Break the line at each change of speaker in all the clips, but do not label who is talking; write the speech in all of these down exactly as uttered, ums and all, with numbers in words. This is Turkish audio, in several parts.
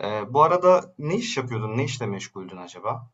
Eee, bu arada ne iş yapıyordun? Ne işle meşguldün acaba?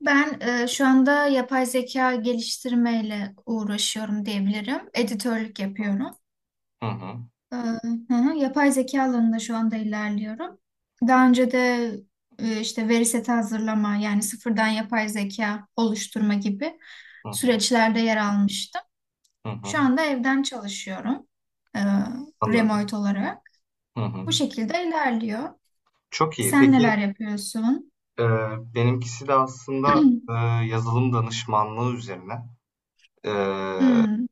Ben e, şu anda yapay zeka geliştirmeyle uğraşıyorum diyebilirim. Editörlük yapıyorum.
Hı hı.
E, hı hı, yapay zeka alanında şu anda ilerliyorum. Daha önce de e, işte veri seti hazırlama yani sıfırdan yapay zeka oluşturma gibi
Hı hı.
süreçlerde yer almıştım.
Hı hı.
Şu anda evden çalışıyorum e,
Anladım.
remote olarak.
Hı
Bu
hı.
şekilde ilerliyor.
Çok iyi.
Sen
Peki,
neler yapıyorsun?
eee, benimkisi de aslında, eee, yazılım danışmanlığı üzerine. Eee,
Hmm,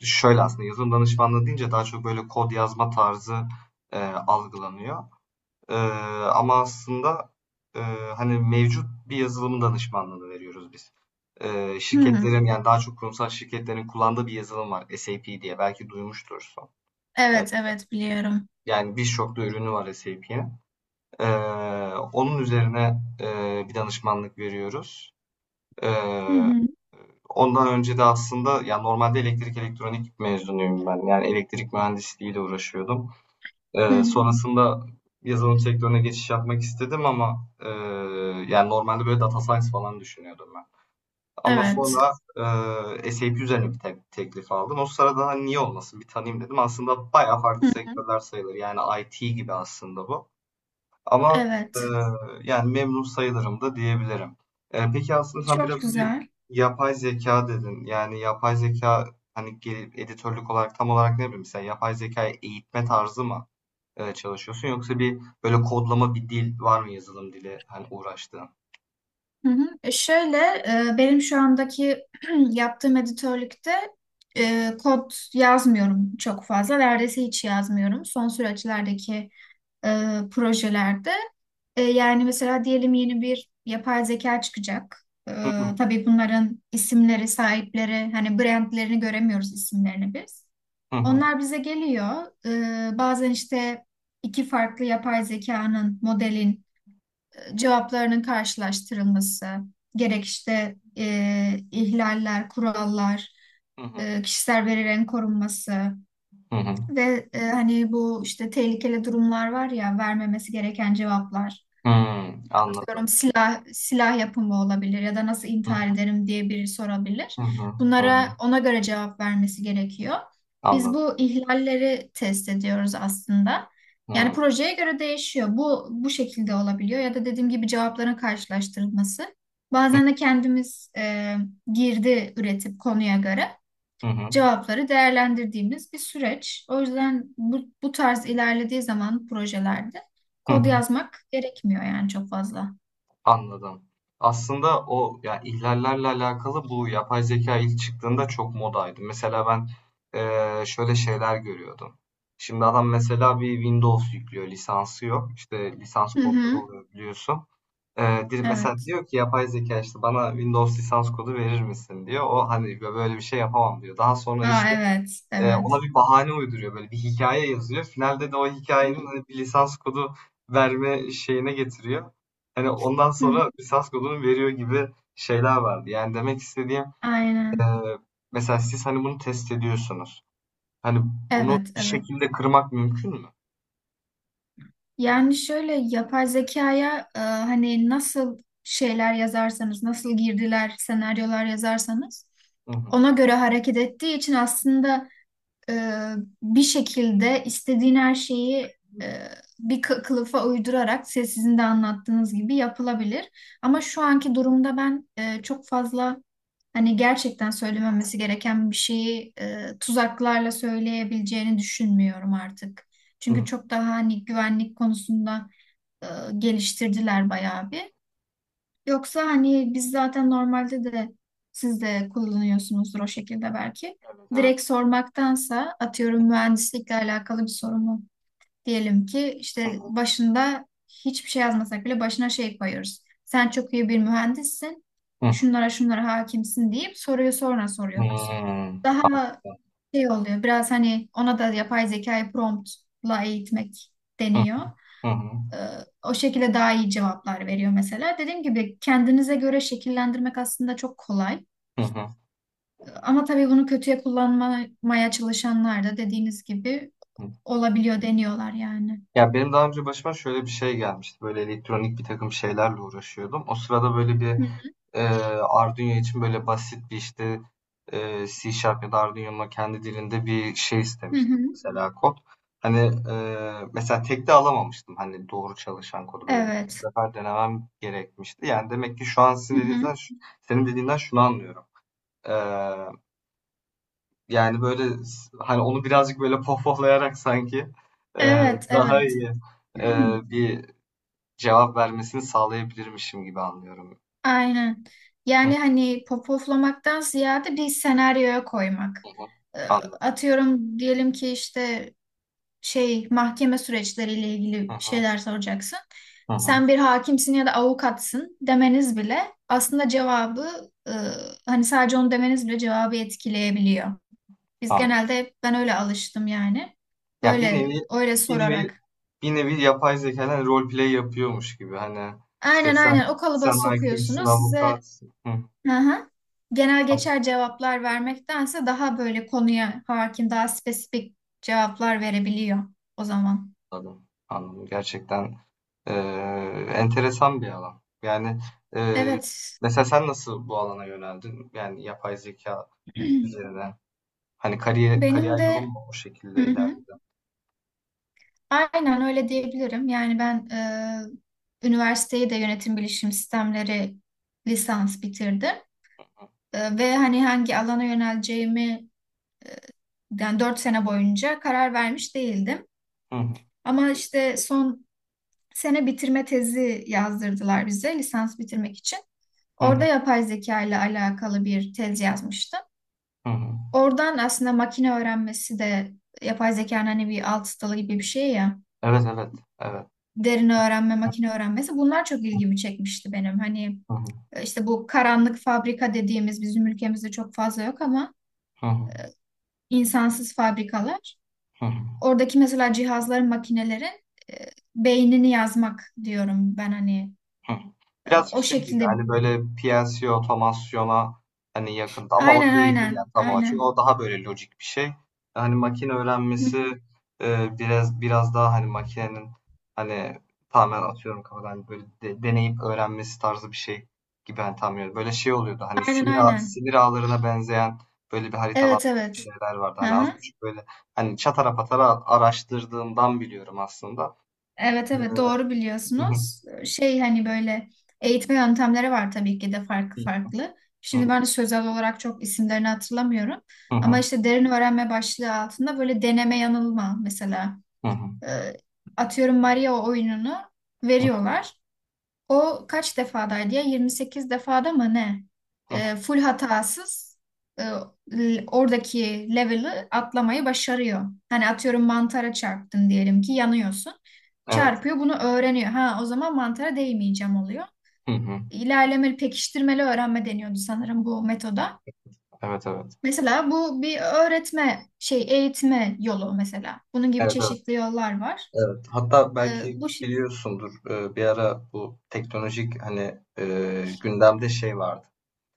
şöyle aslında yazılım danışmanlığı deyince daha çok böyle kod yazma tarzı, eee, algılanıyor. Eee, ama aslında, eee, hani mevcut bir yazılım danışmanlığını veriyoruz biz. Eee,
hmm.
şirketlerin yani daha çok kurumsal şirketlerin kullandığı bir yazılım var SAP diye belki duymuştursun. E,
Evet, evet biliyorum.
Yani birçok da ürünü var sapın. Ee, onun üzerine e, bir danışmanlık veriyoruz. Ee,
Hı hı.
ondan önce de aslında yani normalde elektrik elektronik mezunuyum ben. Yani elektrik mühendisliğiyle uğraşıyordum.
Hı
Ee,
hı.
sonrasında yazılım sektörüne geçiş yapmak istedim ama e, yani normalde böyle data science falan düşünüyordum ben. Ama
Evet.
sonra e, SAP üzerine bir te- teklif aldım. O sırada hani niye olmasın bir tanıyayım dedim. Aslında bayağı farklı
Hı hı.
sektörler sayılır. Yani I T gibi aslında bu. Ama
Evet.
eee, yani memnun sayılırım da diyebilirim. Eee, peki aslında sen biraz
Çok
önce
güzel.
yapay zeka dedin. Yani yapay zeka hani gelip editörlük olarak tam olarak ne bileyim sen yapay zekayı eğitme tarzı mı eee, çalışıyorsun yoksa bir böyle kodlama bir dil var mı yazılım dili hani uğraştığın?
Hı hı. E, Şöyle e, benim şu andaki yaptığım editörlükte e, kod yazmıyorum çok fazla. Neredeyse hiç yazmıyorum. Son süreçlerdeki e, projelerde. E, yani mesela diyelim yeni bir yapay zeka çıkacak. E,
Hı hı
tabii bunların isimleri, sahipleri, hani brandlerini göremiyoruz isimlerini biz.
hı hı
Onlar bize geliyor. E, bazen işte iki farklı yapay zekanın, modelin cevaplarının karşılaştırılması, gerek işte e, ihlaller, kurallar,
hı hı
e, kişisel verilerin korunması
hı hı.
ve e, hani bu işte tehlikeli durumlar var ya vermemesi gereken cevaplar, atıyorum
Anladım.
silah silah yapımı olabilir ya da nasıl intihar
Hı
ederim diye biri
hı
sorabilir.
hı hı hı.
Bunlara ona göre cevap vermesi gerekiyor. Biz
Anladım.
bu ihlalleri test ediyoruz aslında.
Hı
Yani
hı
projeye göre değişiyor. Bu bu şekilde olabiliyor ya da dediğim gibi cevapların karşılaştırılması. Bazen de kendimiz e, girdi üretip konuya göre
hı hı.
cevapları değerlendirdiğimiz bir süreç. O yüzden bu, bu tarz ilerlediği zaman projelerde
Hı.
kod
Hı.
yazmak gerekmiyor yani çok fazla.
Anladım. Aslında o ya ihlallerle alakalı bu yapay zeka ilk çıktığında çok modaydı. Mesela ben eee, şöyle şeyler görüyordum. Şimdi adam mesela bir Windows yüklüyor, lisansı yok. İşte lisans
Hı
kodları
hı.
oluyor biliyorsun. Eee, dir- mesela
Evet.
diyor ki yapay zeka işte bana Windows lisans kodu verir misin diyor. O hani böyle bir şey yapamam diyor. Daha sonra
Aa,
işte
evet,
Eee, ona
evet.
bir bahane uyduruyor, böyle bir hikaye yazıyor. Finalde de o
Hı
hikayenin
hı.
hani, bir lisans kodu verme şeyine getiriyor. Hani, ondan
Hı hı.
sonra lisans kodunu veriyor gibi şeyler vardı. Yani demek istediğim, eee,
Aynen.
mesela siz, hani, bunu test ediyorsunuz. Hani, bunu
Evet,
bir
evet.
şekilde kırmak mümkün mü?
Yani şöyle yapay zekaya, e, hani nasıl şeyler yazarsanız, nasıl girdiler, senaryolar yazarsanız
Hı hı.
ona göre hareket ettiği için aslında, e, bir şekilde istediğin her şeyi e, bir kı- kılıfa uydurarak, se- sizin de anlattığınız gibi yapılabilir. Ama şu anki durumda ben e, çok fazla, hani, gerçekten söylememesi gereken bir şeyi e, tuzaklarla söyleyebileceğini düşünmüyorum artık.
Hı.
Çünkü çok daha hani güvenlik konusunda e, geliştirdiler bayağı bir. Yoksa hani biz zaten normalde de siz de kullanıyorsunuzdur o şekilde belki.
Evet, evet.
Direkt sormaktansa, atıyorum, mühendislikle alakalı bir sorumu diyelim ki
Hı
işte
hı.
başında hiçbir şey yazmasak bile başına şey koyuyoruz. Sen çok iyi bir mühendissin.
Hı hı.
Şunlara şunlara hakimsin deyip soruyu sonra soruyoruz.
Hımm.
Daha
Anladım.
şey oluyor biraz, hani ona da yapay zekayı promptla eğitmek
Hı hı.
deniyor.
Hı hı.
Ee, O şekilde daha iyi cevaplar veriyor mesela. Dediğim gibi kendinize göre şekillendirmek aslında çok kolay.
Hı hı.
Ama tabii bunu kötüye kullanmaya çalışanlar da dediğiniz gibi
Hı.
olabiliyor, deniyorlar yani.
Ya, benim daha önce başıma şöyle bir şey gelmişti. Böyle elektronik birtakım şeylerle uğraşıyordum. O sırada böyle bir,
Hı
Eee, Arduino için böyle basit bir işte eee, C Sharp ya da Arduino'nun kendi dilinde bir şey
hı. Hı
istemiştim
hı.
mesela kod. Hani eee, mesela tek de alamamıştım hani doğru çalışan kodu böyle birkaç
Evet.
sefer denemem gerekmişti. Yani demek ki şu an sizin
Hı hı.
dediğinizden, senin dediğinden şunu anlıyorum. Eee, yani böyle hani onu birazcık böyle pohpohlayarak sanki eee,
Evet,
daha
evet.
iyi eee, bir cevap vermesini sağlayabilirmişim gibi anlıyorum.
Aynen.
Hı hı.
Yani hani popoflamaktan ziyade bir senaryoya koymak. Ee,
Anladım.
Atıyorum, diyelim ki işte şey mahkeme süreçleriyle
Hı
ilgili bir
hı.
şeyler soracaksın.
Hı hı.
Sen bir hakimsin ya da avukatsın demeniz bile aslında cevabı, e, hani sadece onu demeniz bile cevabı etkileyebiliyor. Biz
Anladım.
genelde hep, ben öyle alıştım yani.
Ya bir
Böyle
nevi
öyle
bir nevi
sorarak.
bir nevi yapay zekadan roleplay yapıyormuş gibi. Hani işte
Aynen
sen
aynen o kalıba
sen hakimsin,
sokuyorsunuz. Size,
avukatsın. Hı,
hı hı, genel geçer cevaplar vermektense daha böyle konuya hakim, daha spesifik cevaplar verebiliyor o zaman.
anladım. Anladım. Gerçekten eee, enteresan bir alan. Yani eee,
Evet.
mesela sen nasıl bu alana yöneldin? Yani yapay zeka üzerine. Hani kariyer kariyer
Benim de
yolun mu o şekilde ilerledi?
aynen öyle diyebilirim. Yani ben e, üniversiteyi de yönetim bilişim sistemleri lisans bitirdim. E, ve hani hangi alana yöneleceğimi, yani dört sene boyunca karar vermiş değildim.
Hı hı,
Ama işte son sene bitirme tezi yazdırdılar bize, lisans bitirmek için.
hı
Orada
hı,
yapay zeka ile alakalı bir tez yazmıştım.
hı hı.
Oradan aslında makine öğrenmesi de, yapay zekanın hani bir alt dalı gibi bir şey ya.
Evet, evet, evet.
Derin öğrenme, makine öğrenmesi bunlar çok ilgimi çekmişti benim. Hani
Hı hı,
e, işte bu karanlık fabrika dediğimiz bizim ülkemizde çok fazla yok ama,
hı hı,
insansız fabrikalar.
hı hı.
Oradaki mesela cihazların, makinelerin e, beynini yazmak diyorum ben, hani.
Hı.
E,
Birazcık
o
şey gibi
şekilde.
hani böyle P L C otomasyona hani yakında ama o
Aynen
değildir
aynen
yani tam olarak. Çünkü
aynen.
o daha böyle lojik bir şey. Hani makine
Hı,
öğrenmesi e, biraz biraz daha hani makinenin hani tamamen atıyorum kafadan hani böyle de- deneyip öğrenmesi tarzı bir şey gibi hani tam yani böyle şey oluyordu. Hani
aynen
sinir ağ,
aynen.
sinir ağlarına benzeyen böyle bir haritalanmış
Evet evet.
şeyler vardı.
Hı
Hani az
hı.
buçuk böyle hani çatara patara araştırdığımdan biliyorum aslında.
Evet
Ee,
evet, doğru
hı hı,
biliyorsunuz. Şey hani böyle eğitme yöntemleri var tabii ki de, farklı
hı
farklı. Şimdi ben de sözel olarak çok isimlerini hatırlamıyorum.
hı, hı
Ama
hı,
işte derin öğrenme başlığı altında böyle deneme yanılma mesela.
hı hı.
e, Atıyorum, Maria oyununu
Hı,
veriyorlar. O kaç defadaydı ya? yirmi sekiz defada mı ne?
hı hı.
Ee, full hatasız, e, l- oradaki level'ı atlamayı başarıyor. Hani atıyorum mantara çarptın diyelim ki, yanıyorsun.
Evet.
Çarpıyor, bunu öğreniyor. Ha, o zaman mantara değmeyeceğim oluyor.
Hı hı.
İlerlemeli pekiştirmeli öğrenme deniyordu sanırım bu metoda.
Evet, evet.
Mesela bu bir öğretme şey, eğitme yolu mesela. Bunun gibi
Evet, evet,
çeşitli yollar var.
evet. Hatta
Ee,
belki
bu şey.
biliyorsundur, eee, bir ara bu teknolojik hani, eee, gündemde şey vardı.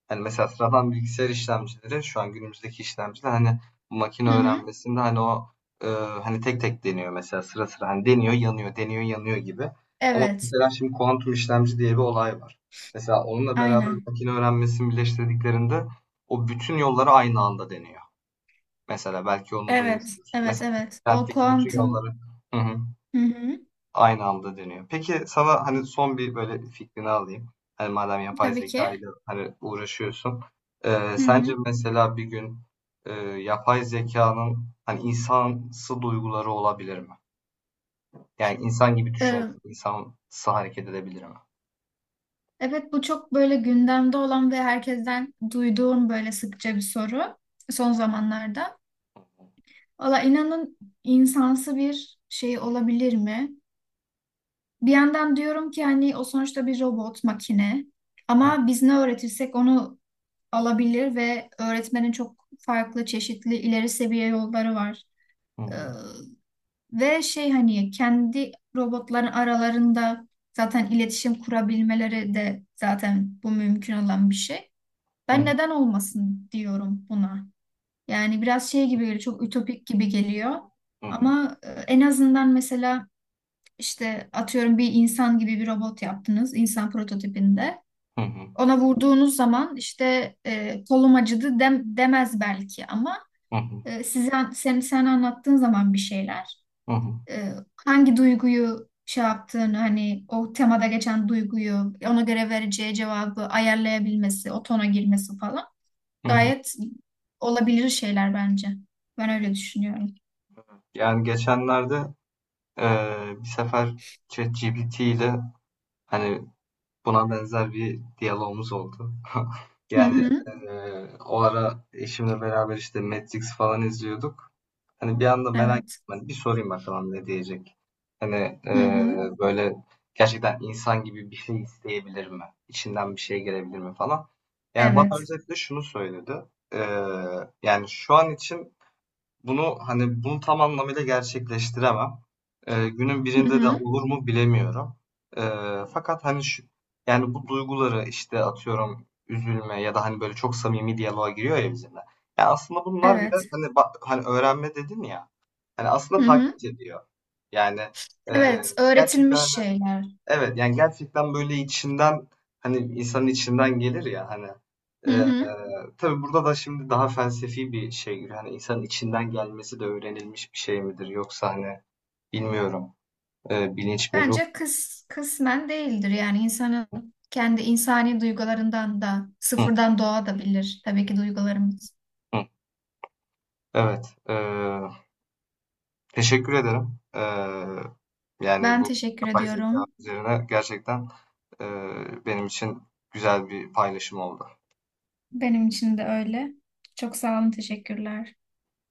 Hani mesela sıradan bilgisayar işlemcileri şu an günümüzdeki işlemciler hani bu makine
Hı hı.
öğrenmesinde hani o, eee, hani tek tek deniyor mesela sıra sıra hani deniyor yanıyor, deniyor yanıyor gibi. Ama
Evet.
mesela şimdi kuantum işlemci diye bir olay var. Mesela onunla beraber
Aynen.
makine öğrenmesini birleştirdiklerinde o bütün yolları aynı anda deniyor. Mesela belki onu
Evet,
duymuşsunuz. Mesela
evet, evet. O
kentteki bütün
kuantum,
yolları, hı hı,
hı hı,
aynı anda dönüyor. Peki sana hani son bir böyle fikrini alayım. Hani madem yapay
tabii
zeka
ki.
ile hani uğraşıyorsun. Ee,
Hı
sence
hı.
mesela bir gün e, yapay zekanın hani insansı duyguları olabilir mi? Yani insan gibi
Ee,
düşünebilir, insansı hareket edebilir mi?
evet, bu çok böyle gündemde olan ve herkesten duyduğum böyle sıkça bir soru son zamanlarda. Valla inanın, insansı bir şey olabilir mi? Bir yandan diyorum ki hani, o sonuçta bir robot, makine.
Hı hı.
Ama biz ne öğretirsek onu alabilir, ve öğretmenin çok farklı, çeşitli, ileri seviye yolları var.
Hı hı.
Ve şey hani kendi robotların aralarında zaten iletişim kurabilmeleri de, zaten bu mümkün olan bir şey. Ben neden olmasın diyorum buna. Yani biraz şey gibi geliyor, çok ütopik gibi geliyor.
Hı hı.
Ama e, en azından mesela, işte atıyorum bir insan gibi bir robot yaptınız, insan prototipinde.
Hı hı.
Ona vurduğunuz zaman işte e, kolum acıdı dem demez belki ama
Hı hı.
e, size sen sen anlattığın zaman bir şeyler,
Hı hı. Hı hı.
e, hangi duyguyu şey yaptığını, hani o temada geçen duyguyu ona göre vereceği cevabı ayarlayabilmesi, o tona girmesi falan
Hı hı.
gayet olabilir şeyler bence. Ben öyle düşünüyorum.
Yani geçenlerde Eee, bir sefer ChatGPT ile hani buna benzer bir diyalogumuz oldu.
Hı
Yani
hı.
eee, o ara eşimle beraber işte Matrix falan izliyorduk. Hani bir anda merak
Evet.
ettim. Hani bir sorayım bakalım ne diyecek. Hani
Hı hı.
eee, böyle gerçekten insan gibi bir şey isteyebilir mi? İçinden bir şey gelebilir mi falan. Yani bana
Evet.
özetle şunu söyledi. Eee, yani şu an için bunu hani bunu tam anlamıyla gerçekleştiremem. Ee, günün
Hı
birinde de
hı.
olur mu bilemiyorum. Ee, fakat hani şu, yani bu duyguları işte atıyorum üzülme ya da hani böyle çok samimi diyaloğa giriyor ya bizimle. Yani aslında bunlar birer
Evet.
hani ba- hani öğrenme dedin ya. Hani aslında
Hı hı.
taklit ediyor. Yani e,
Evet,
gerçekten
öğretilmiş
hani.
şeyler.
Evet, yani gerçekten böyle içinden hani insanın içinden gelir ya hani
Hı
eee
hı.
tabii burada da şimdi daha felsefi bir şey giriyor. Hani insanın içinden gelmesi de öğrenilmiş bir şey midir? Yoksa hani bilmiyorum eee, bilinç mi ruh?
Bence kıs, kısmen değildir. Yani insanın kendi insani duygularından da
Hı,
sıfırdan doğabilir. Tabii ki duygularımız.
hı. Evet eee, teşekkür ederim. Eee, yani
Ben
bu
teşekkür
yapay zeka
ediyorum.
üzerine gerçekten eee, benim için güzel bir paylaşım oldu.
Benim için de öyle. Çok sağ olun, teşekkürler.